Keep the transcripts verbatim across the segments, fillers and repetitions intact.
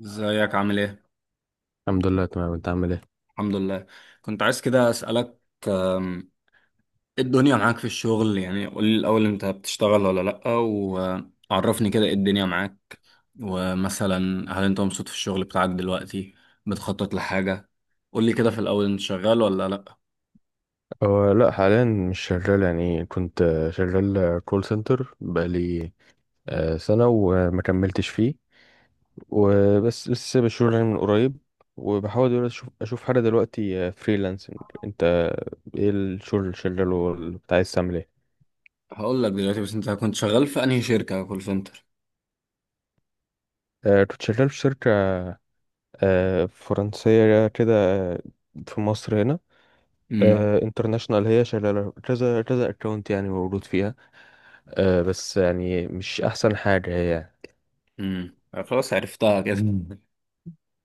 ازيك عامل ايه؟ الحمد لله تمام. انت عامل ايه؟ الحمد لله. كنت عايز كده اسألك. آم، ايه الدنيا معاك في الشغل، يعني قول لي الأول، انت بتشتغل ولا لأ؟ وعرفني كده ايه الدنيا معاك. ومثلا هل انت مبسوط في الشغل بتاعك دلوقتي؟ بتخطط لحاجة؟ قول لي كده في الأول، انت شغال ولا لأ؟ هو لا، حاليا مش شغال يعني. كنت آه، شغال كول سنتر بقالي آه، سنة وما كملتش فيه وبس، لسه سايب الشغل يعني من قريب. وبحاول دلوقتي اشوف اشوف حاجة دلوقتي فريلانسنج. انت ايه الشغل اللي شغاله، واللي كنت عايز تعمل ايه؟ هقول لك دلوقتي، بس انت كنت شغال في انهي شركة كول سنتر؟ آه، كنت شغال في شركة آه، فرنسية كده، آه، في مصر هنا. امم انترناشونال، هي شغالة كذا كذا اكونت يعني، موجود فيها. آه، بس يعني مش احسن حاجة هي. امم خلاص عرفتها كده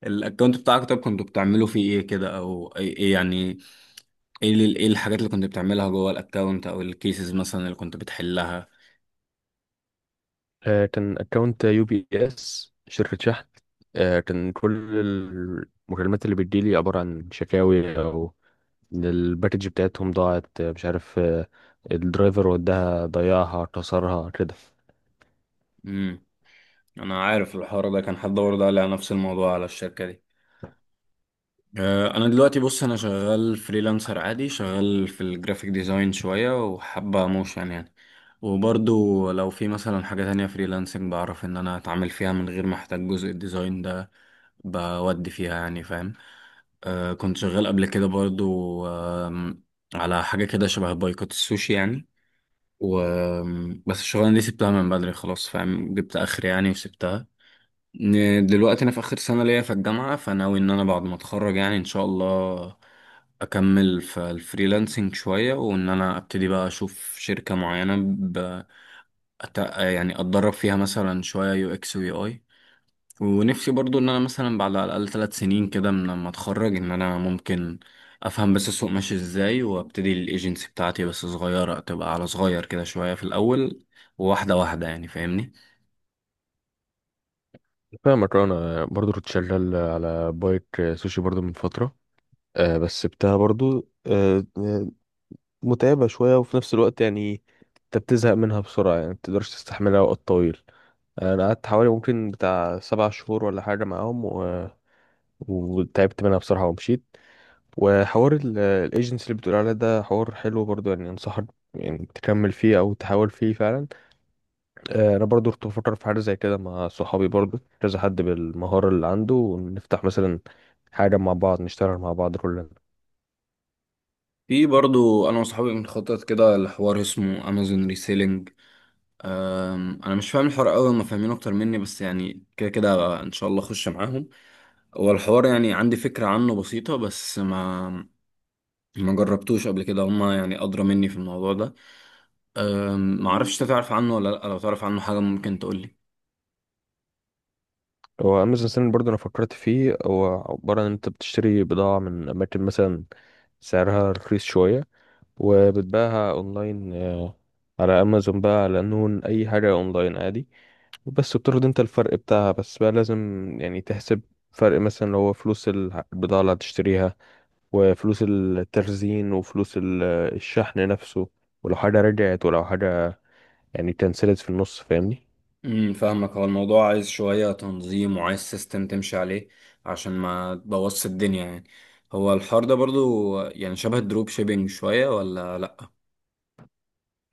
الاكونت بتاعك، طب كنتوا بتعملوا فيه ايه كده، او ايه إيه يعني؟ ايه ال- ايه الحاجات اللي كنت بتعملها جوه الاكونت، او الكيسز مثلا اللي كنت بتحلها؟ آه، كان اكونت يو بي اس، شركة شحن. آه، كان كل المكالمات اللي بتجيلي عبارة عن شكاوي، او إن الباكج بتاعتهم ضاعت، آه، مش عارف، آه، الدرايفر وداها، ضيعها، كسرها كده. امم انا عارف الحوار ده، كان حد برضه قال لي على نفس الموضوع، على الشركه دي. آه، انا دلوقتي بص، انا شغال فريلانسر عادي، شغال في الجرافيك ديزاين شويه وحابه موشن يعني. وبرضه لو في مثلا حاجه تانية فريلانسنج بعرف ان انا اتعامل فيها من غير ما احتاج جزء الديزاين ده، بودي فيها يعني فاهم. آه، كنت شغال قبل كده برضه. آم، على حاجه كده شبه بايكوت السوشي يعني. و بس الشغلانة دي سبتها من بدري خلاص فاهم، جبت آخر يعني وسبتها. ن- دلوقتي أنا في آخر سنة ليا في الجامعة، فناوي إن أنا بعد ما أتخرج يعني إن شاء الله أكمل في الفريلانسنج شوية، وإن أنا أبتدي بقى أشوف شركة معينة ب... أت... يعني أتدرب فيها مثلا شوية يو إكس ويو آي. ونفسي برضو ان انا مثلا بعد على الاقل ثلاث سنين كده من لما اتخرج ان انا ممكن افهم بس السوق ماشي ازاي، وابتدي الايجنسي بتاعتي، بس صغيره تبقى، على صغير كده شويه في الاول، وواحده واحده يعني فاهمني. فاهمك. أه، انا برضو كنت شغال على بايك آه، سوشي برضو من فترة، آه، بس بتاعها برضو، آه، آه، متعبة شوية، وفي نفس الوقت يعني انت بتزهق منها بسرعة، يعني متقدرش تستحملها وقت طويل. أه، انا قعدت حوالي ممكن بتاع سبع شهور ولا حاجة معاهم، وتعبت منها بصراحة ومشيت. وحوار الايجنسي اللي بتقول عليه ده حوار حلو برضو، يعني انصحك يعني تكمل فيه او تحاول فيه فعلا. آه، انا برضو كنت بفكر في حاجة زي كده مع صحابي، برضو كذا حد بالمهارة اللي عنده، ونفتح مثلا حاجة مع بعض، نشتغل مع بعض كلنا. في برضو انا وصحابي بنخطط كده لحوار اسمه امازون ريسيلينج. أم، انا مش فاهم الحوار قوي، هم فاهمين اكتر مني، بس يعني كده كده ان شاء الله اخش معاهم. هو الحوار يعني عندي فكره عنه بسيطه، بس ما ما جربتوش قبل كده، هما يعني ادرى مني في الموضوع ده. أم، معرفش انت تعرف عنه ولا لأ، لو تعرف عنه حاجة ممكن تقولي. هو امازون سيلين برضو انا فكرت فيه. هو عبارة ان انت بتشتري بضاعة من اماكن مثلا سعرها رخيص شوية، وبتباعها اونلاين، آه، على امازون بقى، على نون، اي حاجة اونلاين عادي. بس بتاخد انت الفرق بتاعها. بس بقى لازم يعني تحسب فرق مثلا، اللي هو فلوس الع- البضاعة اللي هتشتريها، وفلوس التخزين، وفلوس ال- الشحن نفسه، ولو حاجة رجعت، ولو حاجة يعني اتنسلت في النص، فاهمني؟ امم فاهمك. هو الموضوع عايز شوية تنظيم وعايز سيستم تمشي عليه عشان ما تبوظش الدنيا يعني. هو الحوار ده برضو يعني شبه الدروب شيبينج شوية ولا لأ؟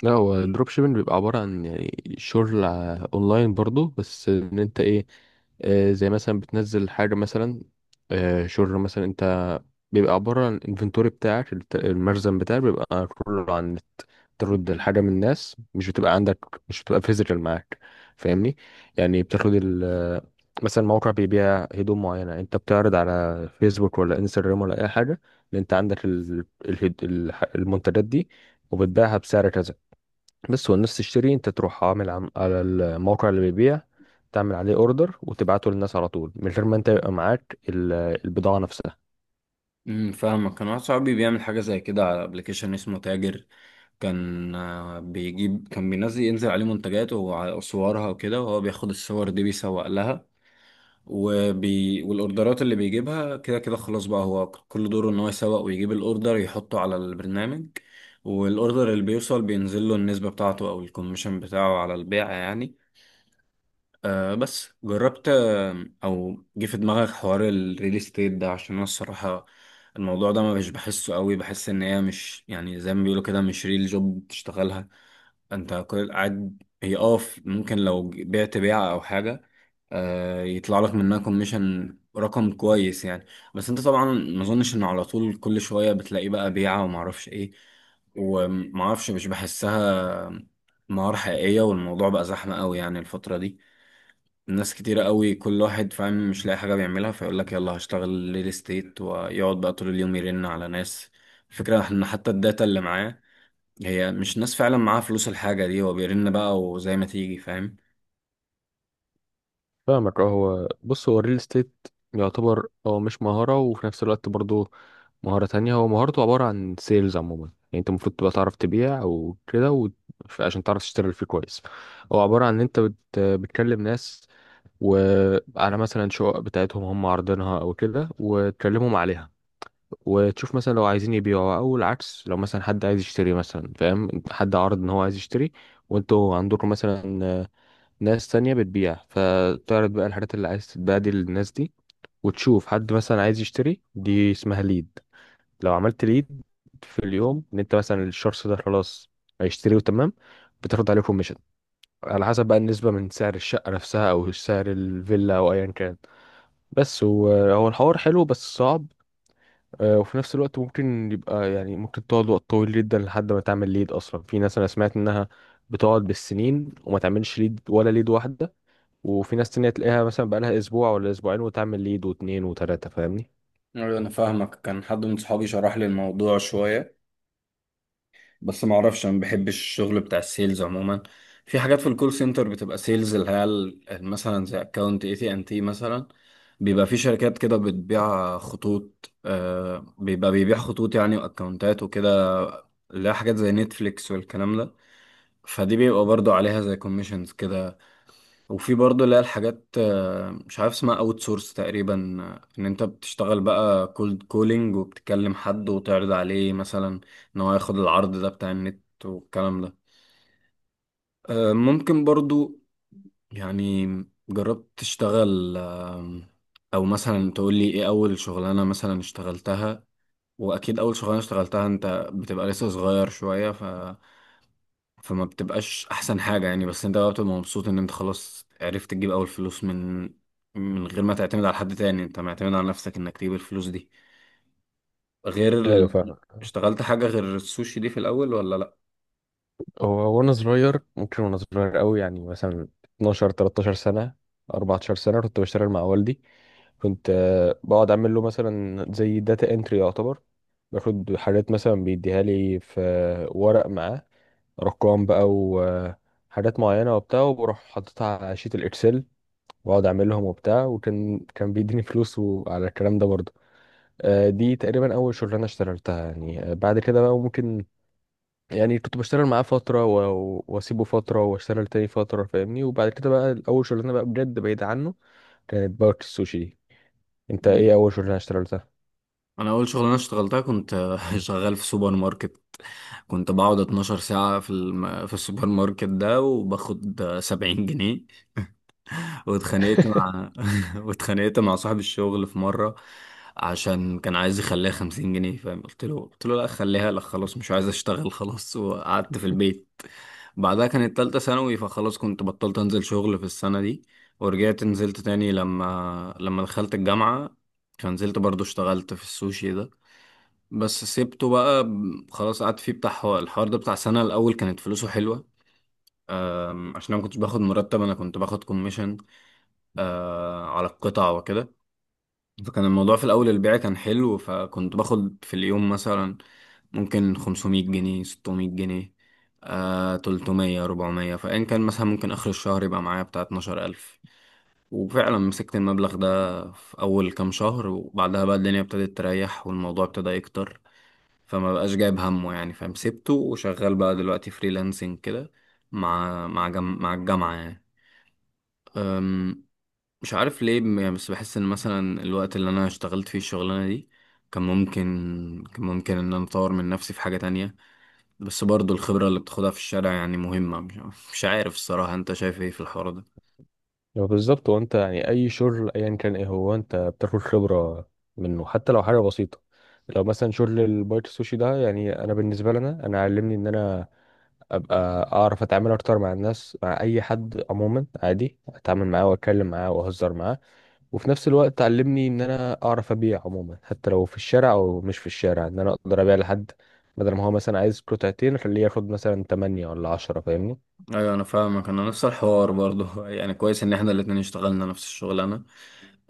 لا، هو الدروب شيبنج بيبقى عبارة عن يعني شغل ع- اونلاين برضو، بس ان انت ايه، آه، زي مثلا بتنزل حاجة مثلا، آه، شغل مثلا. انت بيبقى عبارة عن الانفنتوري بتاعك، الت- المخزن بتاعك بيبقى كله عن النت، ترد الحاجة من الناس، مش بتبقى عندك، مش بتبقى فيزيكال معاك، فاهمني؟ يعني بتاخد ال مثلا موقع بيبيع هدوم معينة، انت بتعرض على فيسبوك ولا انستجرام ولا اي حاجة ان انت عندك ال... الهد... الح- المنتجات دي، وبتبيعها بسعر كذا بس. والناس تشتري، انت تروح عامل عم... على الموقع اللي بيبيع تعمل عليه اوردر، وتبعته للناس على طول، من غير ما انت يبقى معاك ال- البضاعة نفسها. امم فاهمك. كان واحد صاحبي بيعمل حاجة زي كده على ابلكيشن اسمه تاجر. كان آه، بيجيب، كان بينزل ينزل عليه منتجات وصورها وكده، وهو بياخد الصور دي بيسوق لها. وبي... والاوردرات اللي بيجيبها كده كده خلاص بقى، هو كل دوره ان هو يسوق ويجيب الاوردر يحطه على البرنامج. والاوردر اللي بيوصل بينزل له النسبة بتاعته او الكوميشن بتاعه على البيع يعني. آه بس جربت، آه، او جه في دماغك حوار الريل استيت ده؟ عشان انا الصراحة الموضوع ده ما مش بحسه قوي، بحس ان هي مش يعني زي ما بيقولوا كده، مش ريل جوب بتشتغلها انت، كل قاعد. هي اه ف- ممكن لو ج- بعت بيعة او حاجة، آه، يطلع لك منها كوميشن رقم كويس يعني. بس انت طبعا ما اظنش ان على طول كل شوية بتلاقي بقى بيعة وما اعرفش ايه وما اعرفش، مش بحسها مهارة حقيقية. والموضوع بقى زحمة قوي يعني الفترة دي، الناس كتيرة قوي، كل واحد فاهم مش لاقي حاجة بيعملها فيقول لك يلا هشتغل ريل استيت، ويقعد بقى طول اليوم يرن على ناس. الفكرة ان حتى الداتا اللي معاه هي مش ناس فعلا معاها فلوس الحاجة دي، هو بيرن بقى وزي ما تيجي فاهم. فاهمك. اه، هو بص، هو الريل استيت يعتبر هو مش مهارة، وفي نفس الوقت برضه مهارة تانية. هو مهارته عبارة عن سيلز عموما يعني، انت المفروض تبقى تعرف تبيع او كده، و... ف- عشان تعرف تشتغل فيه كويس. هو عبارة عن ان انت بت... بتكلم ناس، وعلى مثلا شقق بتاعتهم هم عارضينها او كده، وتكلمهم عليها، وتشوف مثلا لو عايزين يبيعوا، او العكس، لو مثلا حد عايز يشتري مثلا، فاهم؟ حد عرض ان هو عايز يشتري، وانتوا عندكم مثلا ناس تانية بتبيع، فتعرض بقى الحاجات اللي عايز تتباع دي للناس دي، وتشوف حد مثلا عايز يشتري. دي اسمها ليد. لو عملت ليد في اليوم، ان انت مثلا الشخص ده خلاص هيشتري وتمام، بتاخد عليه كوميشن على حسب بقى النسبة من سعر الشقة نفسها، او سعر الفيلا، او ايا كان. بس هو، هو الحوار حلو بس صعب. آه، وفي نفس الوقت ممكن يبقى يعني ممكن تقعد وقت طويل جدا لحد ما تعمل ليد اصلا. في ناس انا سمعت انها بتقعد بالسنين وما تعملش ليد ولا ليد واحده، وفي ناس تانية تلاقيها مثلا بقالها اسبوع ولا اسبوعين وتعمل ليد واتنين وتلاته، فاهمني؟ أيوة أنا فاهمك. كان حد من صحابي شرح لي الموضوع شوية، بس ما أعرفش، أنا ما بحبش الشغل بتاع السيلز عموما. في حاجات في الكول سنتر بتبقى سيلز، اللي هي ال- ال- مثلا زي أكاونت اي تي ان تي مثلا. بيبقى في شركات كده بتبيع خطوط، آه بيبقى بيبيع خطوط يعني وأكاونتات وكده، اللي هي حاجات زي نتفليكس والكلام ده، فدي بيبقى برضو عليها زي كوميشنز كده. وفي برضه اللي هي الحاجات، آه، مش عارف اسمها اوت سورس تقريبا، آه، ان انت بتشتغل بقى كولد كولينج وبتكلم حد وتعرض عليه مثلا ان هو ياخد العرض ده بتاع النت والكلام ده. آه، ممكن برضه يعني جربت تشتغل، آه، او مثلا تقول لي ايه اول شغلانة مثلا اشتغلتها؟ واكيد اول شغلانة اشتغلتها انت بتبقى لسه صغير شوية، فما بتبقاش احسن حاجة يعني، بس انت بقى بتبقى مبسوط ان انت خلاص عرفت تجيب اول فلوس، من من غير ما تعتمد على حد تاني، انت معتمد على نفسك انك تجيب الفلوس دي. غير ايوه، ال... فاهم. اشتغلت حاجة غير السوشي دي في الاول ولا لا؟ هو وانا صغير ممكن وانا صغير قوي يعني، مثلا اثنا عشر تلتاشر سنه، اربعتاشر سنه، كنت بشتغل مع والدي. كنت آه، بقعد اعمل له مثلا زي داتا انتري يعتبر. باخد حاجات مثلا بيديها لي في ورق معاه، ارقام بقى وحاجات معينه وبتاع، وبروح حاططها على شيت الاكسل، واقعد اعملهم وبتاع. وكان كان بيديني فلوس وعلى الكلام ده برضه. آه، دي تقريبا اول شغلانه اشتغلتها يعني. آه، بعد كده بقى ممكن يعني كنت بشتغل معاه فتره، و- واسيبه فتره، واشتغل تاني فتره، فاهمني؟ وبعد كده بقى اول شغلانه بقى بجد بعيد عنه كانت بارك السوشي. انت مم. ايه اول شغلانه اشتغلتها؟ انا اول شغلانة اشتغلتها كنت شغال في سوبر ماركت. كنت بقعد 12 ساعة في الم... في السوبر ماركت ده وباخد سبعين جنيه. واتخانقت مع واتخانقت مع صاحب الشغل في مرة عشان كان عايز يخليها خمسين جنيه فاهم. قلت له قلت له لا خليها، لا خلاص مش عايز اشتغل خلاص، وقعدت في البيت. بعدها كانت تالتة ثانوي فخلاص كنت بطلت انزل شغل في السنة دي. ورجعت نزلت تاني لما لما دخلت الجامعة، فنزلت برضو اشتغلت في السوشي ده. بس سيبته بقى ب- خلاص، قعدت فيه بتاع حو- الحوار ده بتاع سنة، الأول كانت فلوسه حلوة. أم، عشان أنا ما كنتش باخد مرتب، أنا كنت باخد كوميشن آه على القطع وكده. فكان الموضوع في الأول البيع كان حلو، فكنت باخد في اليوم مثلا ممكن خمسمائة جنيه، ستمائة جنيه، آه تلتمية، ربعمية. فإن كان مثلا ممكن آخر الشهر يبقى معايا بتاع اتناشر الف. وفعلا مسكت المبلغ ده في أول كام شهر، وبعدها بقى الدنيا ابتدت تريح والموضوع ابتدى يكتر، فما بقاش جايب همه يعني فاهم. سبته وشغال بقى دلوقتي فريلانسنج كده، مع مع جم... مع الجامعة يعني. مش عارف ليه م- يعني، بس بحس ان مثلا الوقت اللي انا اشتغلت فيه الشغلانه دي كان ممكن، كان ممكن ان انا اطور من نفسي في حاجه تانية. بس برضو الخبره اللي بتاخدها في الشارع يعني مهمه، مش مش عارف الصراحه انت شايف ايه في الحوار ده. هو بالظبط، هو انت يعني اي شغل ايا كان ايه، هو انت بتاخد خبره منه حتى لو حاجه بسيطه. لو مثلا شغل البايت السوشي ده يعني انا بالنسبه لنا، انا علمني ان انا ابقى اعرف اتعامل اكتر مع الناس، مع اي حد عموما عادي اتعامل معاه واتكلم معاه واهزر معاه. وفي نفس الوقت علمني ان انا اعرف ابيع عموما، حتى لو في الشارع او مش في الشارع، ان انا اقدر ابيع لحد بدل ما هو مثلا عايز قطعتين خليه ياخد مثلا ثمانية ولا عشرة، فاهمني؟ ايوه انا فاهمك، انا نفس الحوار برضو يعني كويس ان احنا الاتنين اشتغلنا نفس الشغلانه.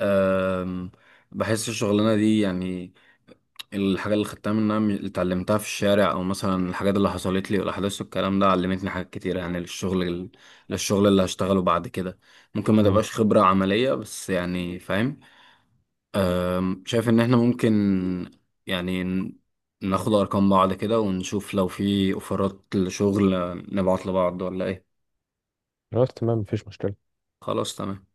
أم، بحس الشغلانه دي يعني الحاجة اللي خدتها منها من- اللي اتعلمتها في الشارع، او مثلا الحاجات اللي حصلت لي والاحداث والكلام ده علمتني حاجات كتير يعني للشغل ال- للشغل اللي هشتغله بعد كده، ممكن ما مم. تبقاش خبرة عملية بس يعني فاهم. أم، شايف ان احنا ممكن يعني ن- ناخد ارقام بعض كده ونشوف لو في اوفرات لشغل نبعت لبعض ولا ايه. خلاص تمام، مفيش مشكله. خلاص تمام.